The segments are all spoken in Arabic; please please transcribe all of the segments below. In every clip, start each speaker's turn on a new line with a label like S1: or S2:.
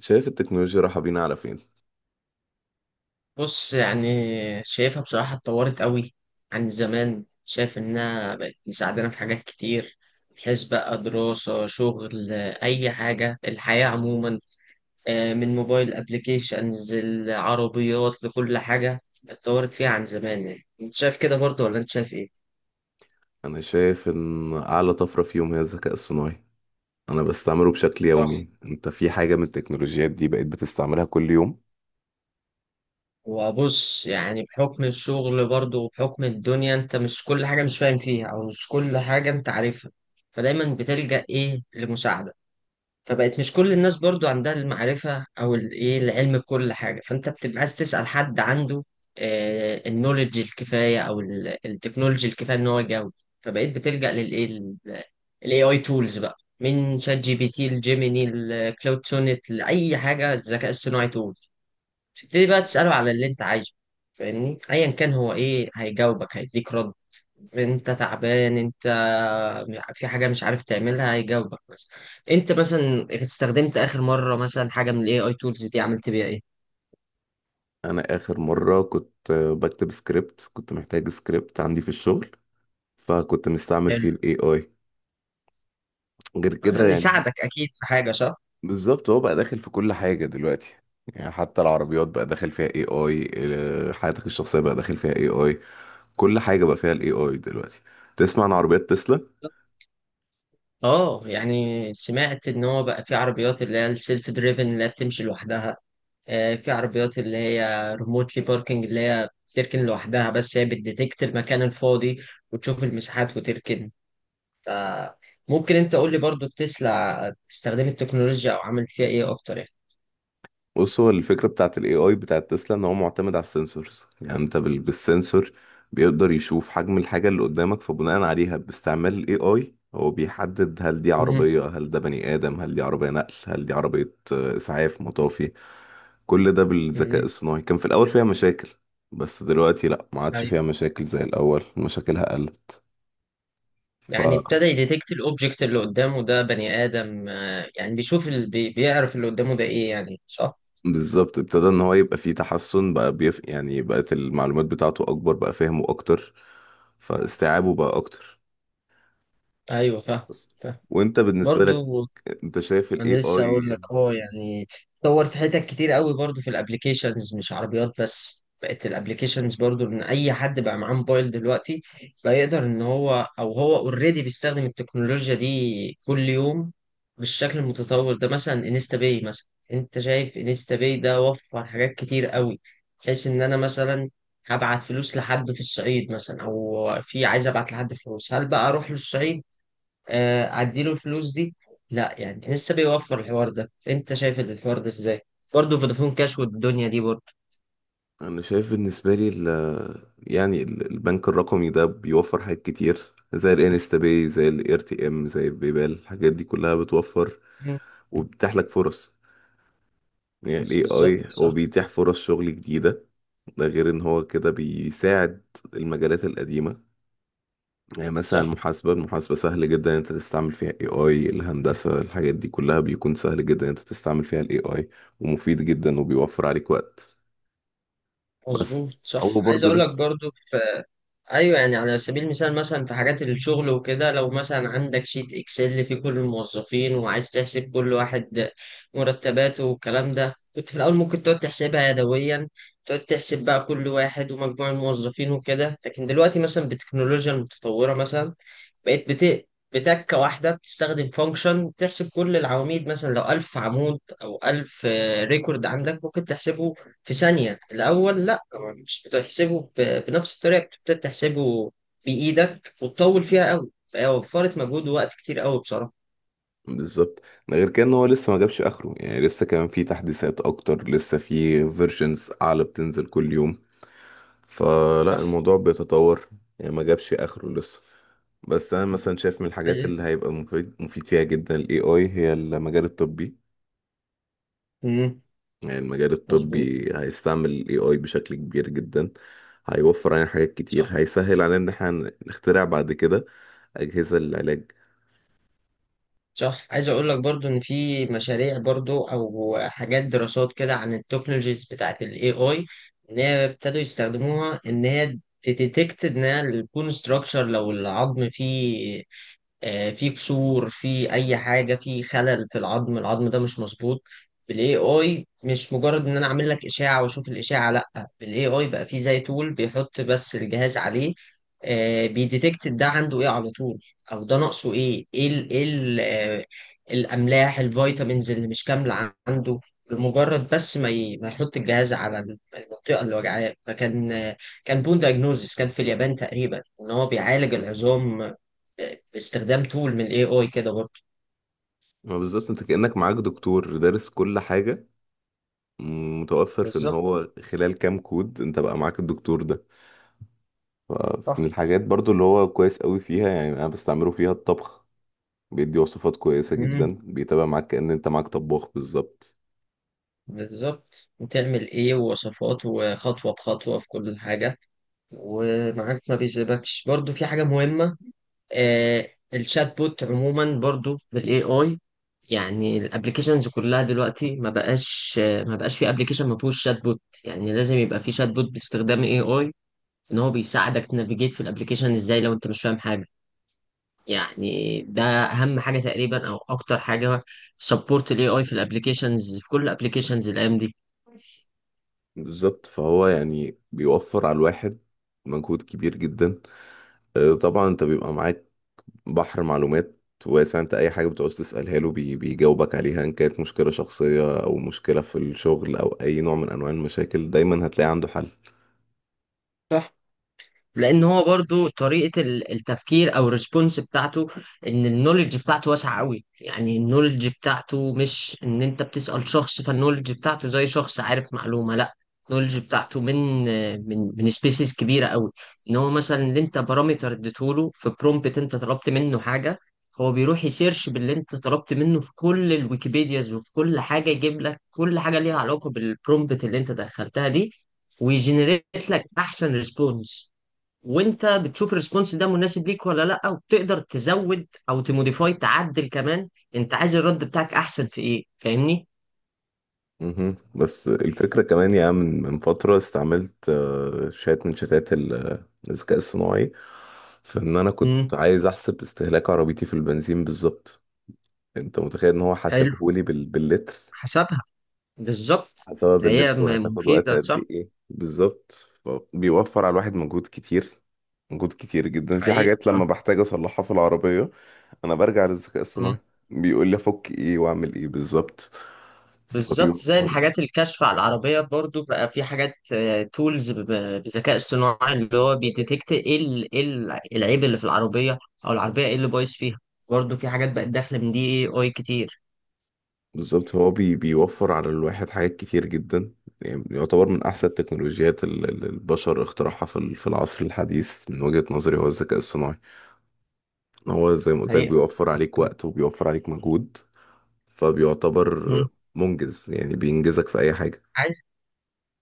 S1: شايف التكنولوجيا رايحة بينا على فين؟
S2: بص يعني شايفها بصراحة اتطورت قوي عن زمان. شايف إنها بقت مساعدانا في حاجات كتير، بحيث بقى دراسة شغل أي حاجة الحياة عموما. آه، من موبايل أبليكيشنز العربيات لكل حاجة اتطورت فيها عن زمان. يعني أنت شايف كده برضه ولا أنت شايف إيه؟
S1: أنا شايف إن أعلى طفرة فيهم هي الذكاء الصناعي. أنا بستعمله بشكل
S2: صح.
S1: يومي. أنت في حاجة من التكنولوجيات دي بقيت بتستعملها كل يوم؟
S2: وبص يعني بحكم الشغل برضه وبحكم الدنيا، أنت مش كل حاجة مش فاهم فيها أو مش كل حاجة أنت عارفها، فدايما بتلجأ إيه لمساعدة. فبقت مش كل الناس برضو عندها المعرفة أو الإيه العلم بكل حاجة، فأنت بتبقى عايز تسأل حد عنده النولج الكفاية أو التكنولوجي الكفاية إن هو يجاوب. فبقيت بتلجأ للإيه ال AI tools بقى من شات جي بي تي لجيميني لكلاود سونيت لأي حاجة الذكاء الصناعي تول. تبتدي بقى تسأله على اللي أنت عايزه، فاهمني، أيا كان هو إيه هيجاوبك هيديك رد. انت تعبان، انت في حاجه مش عارف تعملها، هيجاوبك مثلا. انت مثلا استخدمت اخر مره مثلا حاجه من الاي اي تولز دي عملت بيها ايه؟
S1: أنا آخر مرة كنت بكتب سكريبت، كنت محتاج سكريبت عندي في الشغل، فكنت مستعمل
S2: حلو.
S1: فيه ال AI. غير كده
S2: يعني
S1: يعني
S2: ساعدك اكيد في حاجه صح.
S1: بالظبط هو بقى داخل في كل حاجة دلوقتي. يعني حتى العربيات بقى داخل فيها AI، حياتك الشخصية بقى داخل فيها AI. كل حاجة بقى فيها ال AI دلوقتي. تسمع عن عربيات تسلا؟
S2: اه يعني سمعت ان هو بقى في عربيات اللي هي السيلف دريفن اللي هي بتمشي لوحدها. آه، في عربيات اللي هي ريموتلي باركنج اللي هي بتركن لوحدها، بس هي بتديتكت المكان الفاضي وتشوف المساحات وتركن. ممكن انت قول لي برضو تسلا استخدمت التكنولوجيا او عملت فيها ايه اكتر؟
S1: بص، هو الفكرة بتاعت ال AI بتاعت تسلا ان هو معتمد على السنسورز. يعني انت بالسنسور بيقدر يشوف حجم الحاجة اللي قدامك، فبناء عليها باستعمال ال AI هو بيحدد هل دي
S2: يعني
S1: عربية، هل ده بني آدم، هل دي عربية نقل، هل دي عربية إسعاف، مطافي. كل ده بالذكاء
S2: مم.
S1: الصناعي. كان في الأول فيها مشاكل، بس دلوقتي لأ، ما عادش
S2: طيب.
S1: فيها مشاكل زي الأول. مشاكلها
S2: يعني
S1: قلت.
S2: ابتدى يديتكت الاوبجكت اللي قدامه ده بني ادم، آه، يعني بيشوف بيعرف اللي قدامه ده ايه يعني صح؟
S1: بالظبط، ابتدى ان هو يبقى فيه تحسن بقى. يعني بقت المعلومات بتاعته اكبر، بقى فهمه اكتر، فاستيعابه بقى اكتر.
S2: ايوه فاهم.
S1: بس.
S2: فاهم
S1: وانت بالنسبة لك،
S2: برضو.
S1: انت شايف الاي
S2: انا لسه اقول
S1: اي؟
S2: لك اه يعني اتطور في حتت كتير قوي برضو في الابليكيشنز، مش عربيات بس، بقت الابليكيشنز برضو ان اي حد بقى معاه موبايل دلوقتي بقى يقدر ان هو او هو اوريدي بيستخدم التكنولوجيا دي كل يوم بالشكل المتطور ده، مثلا انستا باي مثلا. انت شايف انستا باي ده وفر حاجات كتير قوي، بحيث ان انا مثلا هبعت فلوس لحد في الصعيد مثلا او في عايز ابعت لحد فلوس، هل بقى اروح للصعيد آه، اديله الفلوس دي؟ لا. يعني لسه بيوفر الحوار ده، انت شايف الحوار ده ازاي برضه؟ فودافون كاش والدنيا دي برضه.
S1: انا شايف بالنسبة لي يعني البنك الرقمي ده بيوفر حاجات كتير، زي الانستا باي، زي الار تي ام، زي البيبال. الحاجات دي كلها بتوفر
S2: مم.
S1: وبتتيح لك فرص. يعني
S2: بس
S1: الاي
S2: بالظبط
S1: اي هو
S2: صح.
S1: بيتيح فرص شغل جديدة. ده غير ان هو كده بيساعد المجالات القديمة. يعني مثلا
S2: صح
S1: المحاسبة، المحاسبة سهل جدا إن انت تستعمل فيها اي اي. الهندسة، الحاجات دي كلها بيكون سهل جدا إن انت تستعمل فيها الاي اي، ومفيد جدا وبيوفر عليك وقت. بس
S2: مظبوط صح
S1: هو
S2: عايز
S1: برضه
S2: اقول لك
S1: لسه.
S2: برضه في. ايوه يعني على سبيل المثال مثلا في حاجات الشغل وكده، لو مثلا عندك شيت اكسل فيه كل الموظفين وعايز تحسب كل واحد مرتباته والكلام ده، كنت في الاول ممكن تقعد تحسبها يدويا، تقعد تحسب بقى كل واحد ومجموع الموظفين وكده، لكن دلوقتي مثلا بالتكنولوجيا المتطوره مثلا بقيت بتكة واحدة بتستخدم فانكشن تحسب كل العواميد مثلا لو ألف عمود أو ألف ريكورد عندك ممكن تحسبه في ثانية. الأول لأ، مش بتحسبه بنفس الطريقة بتبتدي تحسبه بإيدك وتطول فيها أوي، فهي وفرت مجهود ووقت كتير أوي بصراحة
S1: بالظبط، ده غير كده ان هو لسه ما جابش اخره. يعني لسه كمان في تحديثات اكتر، لسه في فيرجنز اعلى بتنزل كل يوم، فلا،
S2: صح.
S1: الموضوع بيتطور. يعني ما جابش اخره لسه. بس انا مثلا شايف من الحاجات
S2: عايز-
S1: اللي هيبقى مفيد مفيد فيها جدا الاي اي هي المجال الطبي.
S2: مم.
S1: يعني المجال
S2: مظبوط
S1: الطبي هيستعمل ال AI بشكل كبير جدا. هيوفر علينا حاجات كتير،
S2: صح.
S1: هيسهل علينا ان احنا نخترع بعد كده أجهزة للعلاج.
S2: صح عايز اقول لك برضو ان في مشاريع برضو او حاجات دراسات كده عن التكنولوجيز بتاعت الاي اي، ان هي ابتدوا يستخدموها ان هي تديتكت ان هي البون ستراكشر لو العظم فيه آه، في كسور في اي حاجه في خلل في العظم، العظم ده مش مظبوط بالاي اي. مش مجرد ان انا اعمل لك اشاعه واشوف الاشاعه، لا، بالاي اي بقى في زي تول بيحط بس الجهاز عليه آه، بيديتكت ده عنده ايه على طول او ده ناقصه ايه. ايه ال ايه ال آه، الاملاح الفيتامينز اللي مش كامله عنده. بمجرد بس ما ما يحط الجهاز على المنطقه اللي وجعاه. فكان آه، كان بون دايجنوزس كان في اليابان تقريبا ان هو بيعالج العظام باستخدام تول من الاي اي كده برضه.
S1: ما بالظبط، انت كأنك معاك دكتور دارس كل حاجة. متوفر في ان
S2: بالظبط
S1: هو خلال كام كود انت بقى معاك الدكتور ده. فمن
S2: صح.
S1: الحاجات برضو اللي هو كويس قوي فيها، يعني انا بستعمله فيها، الطبخ. بيدي وصفات كويسة
S2: مم.
S1: جدا، بيتابع معاك كأن انت معاك طباخ بالظبط.
S2: بالظبط بتعمل ايه ووصفات وخطوة بخطوة في كل حاجة، ومعاك ما بيسيبكش برضو في حاجة مهمة. آه الشات بوت عموما برضو بالاي اي. يعني الابلكيشنز كلها دلوقتي ما بقاش في ابلكيشن ما فيهوش شات بوت. يعني لازم يبقى في شات بوت باستخدام اي اي ان هو بيساعدك تنافيجيت في الابلكيشن ازاي لو انت مش فاهم حاجة. يعني ده اهم حاجه تقريبا او اكتر حاجه سبورت الاي اي في الابلكيشنز في كل الابلكيشنز الايام دي.
S1: بالظبط، فهو يعني بيوفر على الواحد مجهود كبير جدا. آه، طبعا انت بيبقى معاك بحر معلومات واسع. انت اي حاجه بتعوز تسالها له بيجاوبك عليها، ان كانت مشكله شخصيه او مشكله في الشغل او اي نوع من انواع المشاكل، دايما هتلاقي عنده حل.
S2: صح. لان هو برضو طريقه التفكير او الريسبونس بتاعته، ان النولج بتاعته واسعه قوي، يعني النولج بتاعته مش ان انت بتسال شخص، فالنولج بتاعته زي شخص عارف معلومه لا. النولج بتاعته من سبيسيز كبيره قوي. ان هو مثلا اللي انت بارامتر اديته له في برومبت، انت طلبت منه حاجه، هو بيروح يسيرش باللي انت طلبت منه في كل الويكيبيدياز وفي كل حاجه، يجيب لك كل حاجه ليها علاقه بالبرومبت اللي انت دخلتها دي، ويجنريت لك احسن ريسبونس. وانت بتشوف الريسبونس ده مناسب ليك ولا لا، وبتقدر تزود او تموديفاي تعدل كمان، انت عايز الرد بتاعك احسن في ايه فاهمني.
S1: مهم. بس الفكره كمان يا عم، من فتره استعملت شات من شتات الذكاء الصناعي في ان انا كنت
S2: امم
S1: عايز احسب استهلاك عربيتي في البنزين بالظبط. انت متخيل ان هو
S2: حلو.
S1: حاسبهولي باللتر؟
S2: حسبها بالظبط.
S1: حسب
S2: هي
S1: باللتر، وهتاخد وقت
S2: مفيدة
S1: قد
S2: صح.
S1: ايه بالظبط. بيوفر على الواحد مجهود كتير، مجهود كتير جدا. في
S2: حقيقة
S1: حاجات لما
S2: صح.
S1: بحتاج اصلحها في العربية انا برجع للذكاء
S2: مم.
S1: الصناعي، بيقول لي افك ايه واعمل ايه بالظبط،
S2: بالظبط زي
S1: فبيوفر.
S2: الحاجات الكشف على العربية برضو بقى في حاجات تولز بذكاء اصطناعي اللي هو بيديتكت العيب اللي في العربية او العربية ايه اللي بايظ فيها. برضو في حاجات بقت داخلة من دي إيه اي كتير.
S1: بالظبط، هو بيوفر على الواحد حاجات كتير جدا. يعني يعتبر من احسن التكنولوجيات اللي البشر اخترعها في في العصر الحديث، من وجهة نظري، هو الذكاء الصناعي. هو زي ما قلت لك
S2: حقيقة.
S1: بيوفر عليك وقت وبيوفر عليك مجهود، فبيعتبر
S2: مم.
S1: منجز. يعني بينجزك في اي حاجة.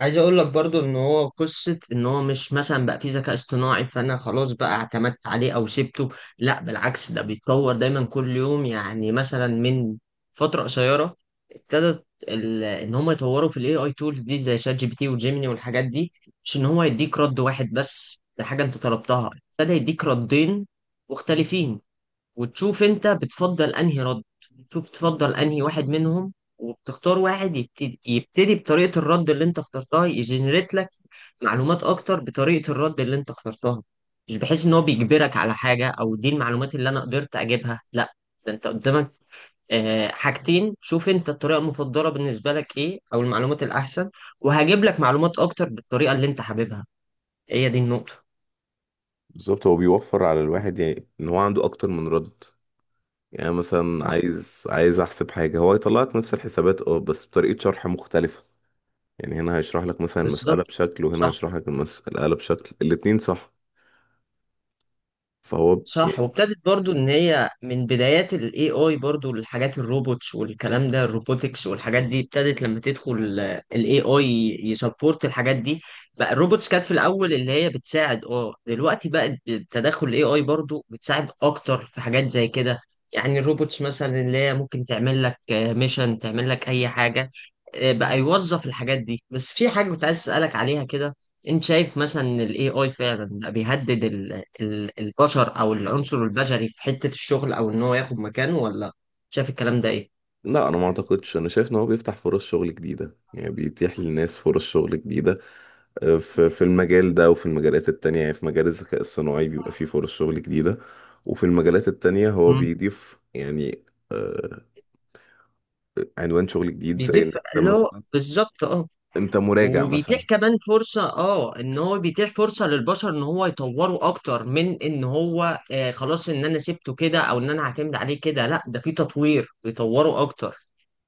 S2: عايز اقول لك برضو ان هو قصة ان هو مش مثلا بقى فيه ذكاء اصطناعي فانا خلاص بقى اعتمدت عليه او سبته، لا بالعكس ده بيتطور دايما كل يوم. يعني مثلا من فترة قصيرة ابتدت ان هم يطوروا في الاي اي تولز دي زي شات جي بي تي وجيميني والحاجات دي، مش ان هو يديك رد واحد بس ده حاجة انت طلبتها، ابتدى يديك ردين مختلفين. وتشوف انت بتفضل انهي رد، تشوف تفضل انهي واحد منهم، وبتختار واحد يبتدي بطريقة الرد اللي انت اخترتها يجنريت لك معلومات اكتر بطريقة الرد اللي انت اخترتها. مش بحيث ان هو بيجبرك على حاجة او دي المعلومات اللي انا قدرت اجيبها لا، ده انت قدامك آه، حاجتين، شوف انت الطريقة المفضلة بالنسبة لك ايه او المعلومات الاحسن، وهجيب لك معلومات اكتر بالطريقة اللي انت حاببها، هي دي النقطة.
S1: بالظبط، هو بيوفر على الواحد، يعني ان هو عنده اكتر من رد. يعني مثلا
S2: صح
S1: عايز احسب حاجة، هو هيطلع لك نفس الحسابات، اه، بس بطريقة شرح مختلفة. يعني هنا هيشرح لك مثلا المسألة
S2: بالظبط
S1: بشكل، وهنا
S2: صح.
S1: هيشرح لك المسألة بشكل، الاتنين صح. فهو.
S2: صح وابتدت برضو ان هي من بدايات الاي اي برضو الحاجات الروبوتس والكلام ده الروبوتكس والحاجات دي ابتدت لما تدخل الاي اي يسبورت الحاجات دي. بقى الروبوتس كانت في الاول اللي هي بتساعد اه دلوقتي بقت بتدخل الاي اي برضو بتساعد اكتر في حاجات زي كده. يعني الروبوتس مثلا اللي هي ممكن تعمل لك ميشن تعمل لك اي حاجة. آه، بقى يوظف الحاجات دي، بس في حاجة كنت عايز اسألك عليها كده. انت شايف مثلا الاي اي فعلا بقى بيهدد البشر او العنصر البشري في حتة الشغل او ان هو ياخد مكانه ولا؟ شايف الكلام ده ايه؟
S1: لا انا ما اعتقدش، انا شايف ان هو بيفتح فرص شغل جديده، يعني بيتيح للناس فرص شغل جديده. آه، في في المجال ده وفي المجالات التانية. يعني في مجال الذكاء الصناعي بيبقى فيه فرص شغل جديده، وفي المجالات التانية هو
S2: مم.
S1: بيضيف يعني آه، عنوان شغل جديد. زي ان
S2: بيضيف
S1: انت
S2: اللي هو
S1: مثلا
S2: بالظبط اه،
S1: انت مراجع
S2: وبيتيح
S1: مثلا.
S2: كمان فرصة اه ان هو بيتيح فرصة للبشر ان هو يطوروا اكتر من ان هو آه خلاص ان انا سبته كده او ان انا هعتمد عليه كده لا، ده في تطوير بيطوروا اكتر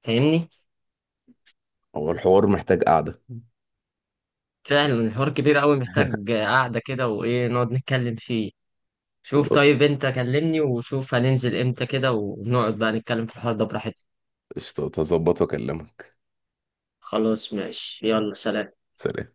S2: فاهمني.
S1: هو الحوار محتاج قعده.
S2: فعلا الحوار كبير قوي محتاج قعدة كده وايه نقعد نتكلم فيه. شوف
S1: خلاص.
S2: طيب انت كلمني وشوف هننزل امتى كده ونقعد بقى نتكلم في الحوار ده براحتنا.
S1: قشطة، هظبط واكلمك.
S2: خلاص ماشي يلا سلام.
S1: سلام.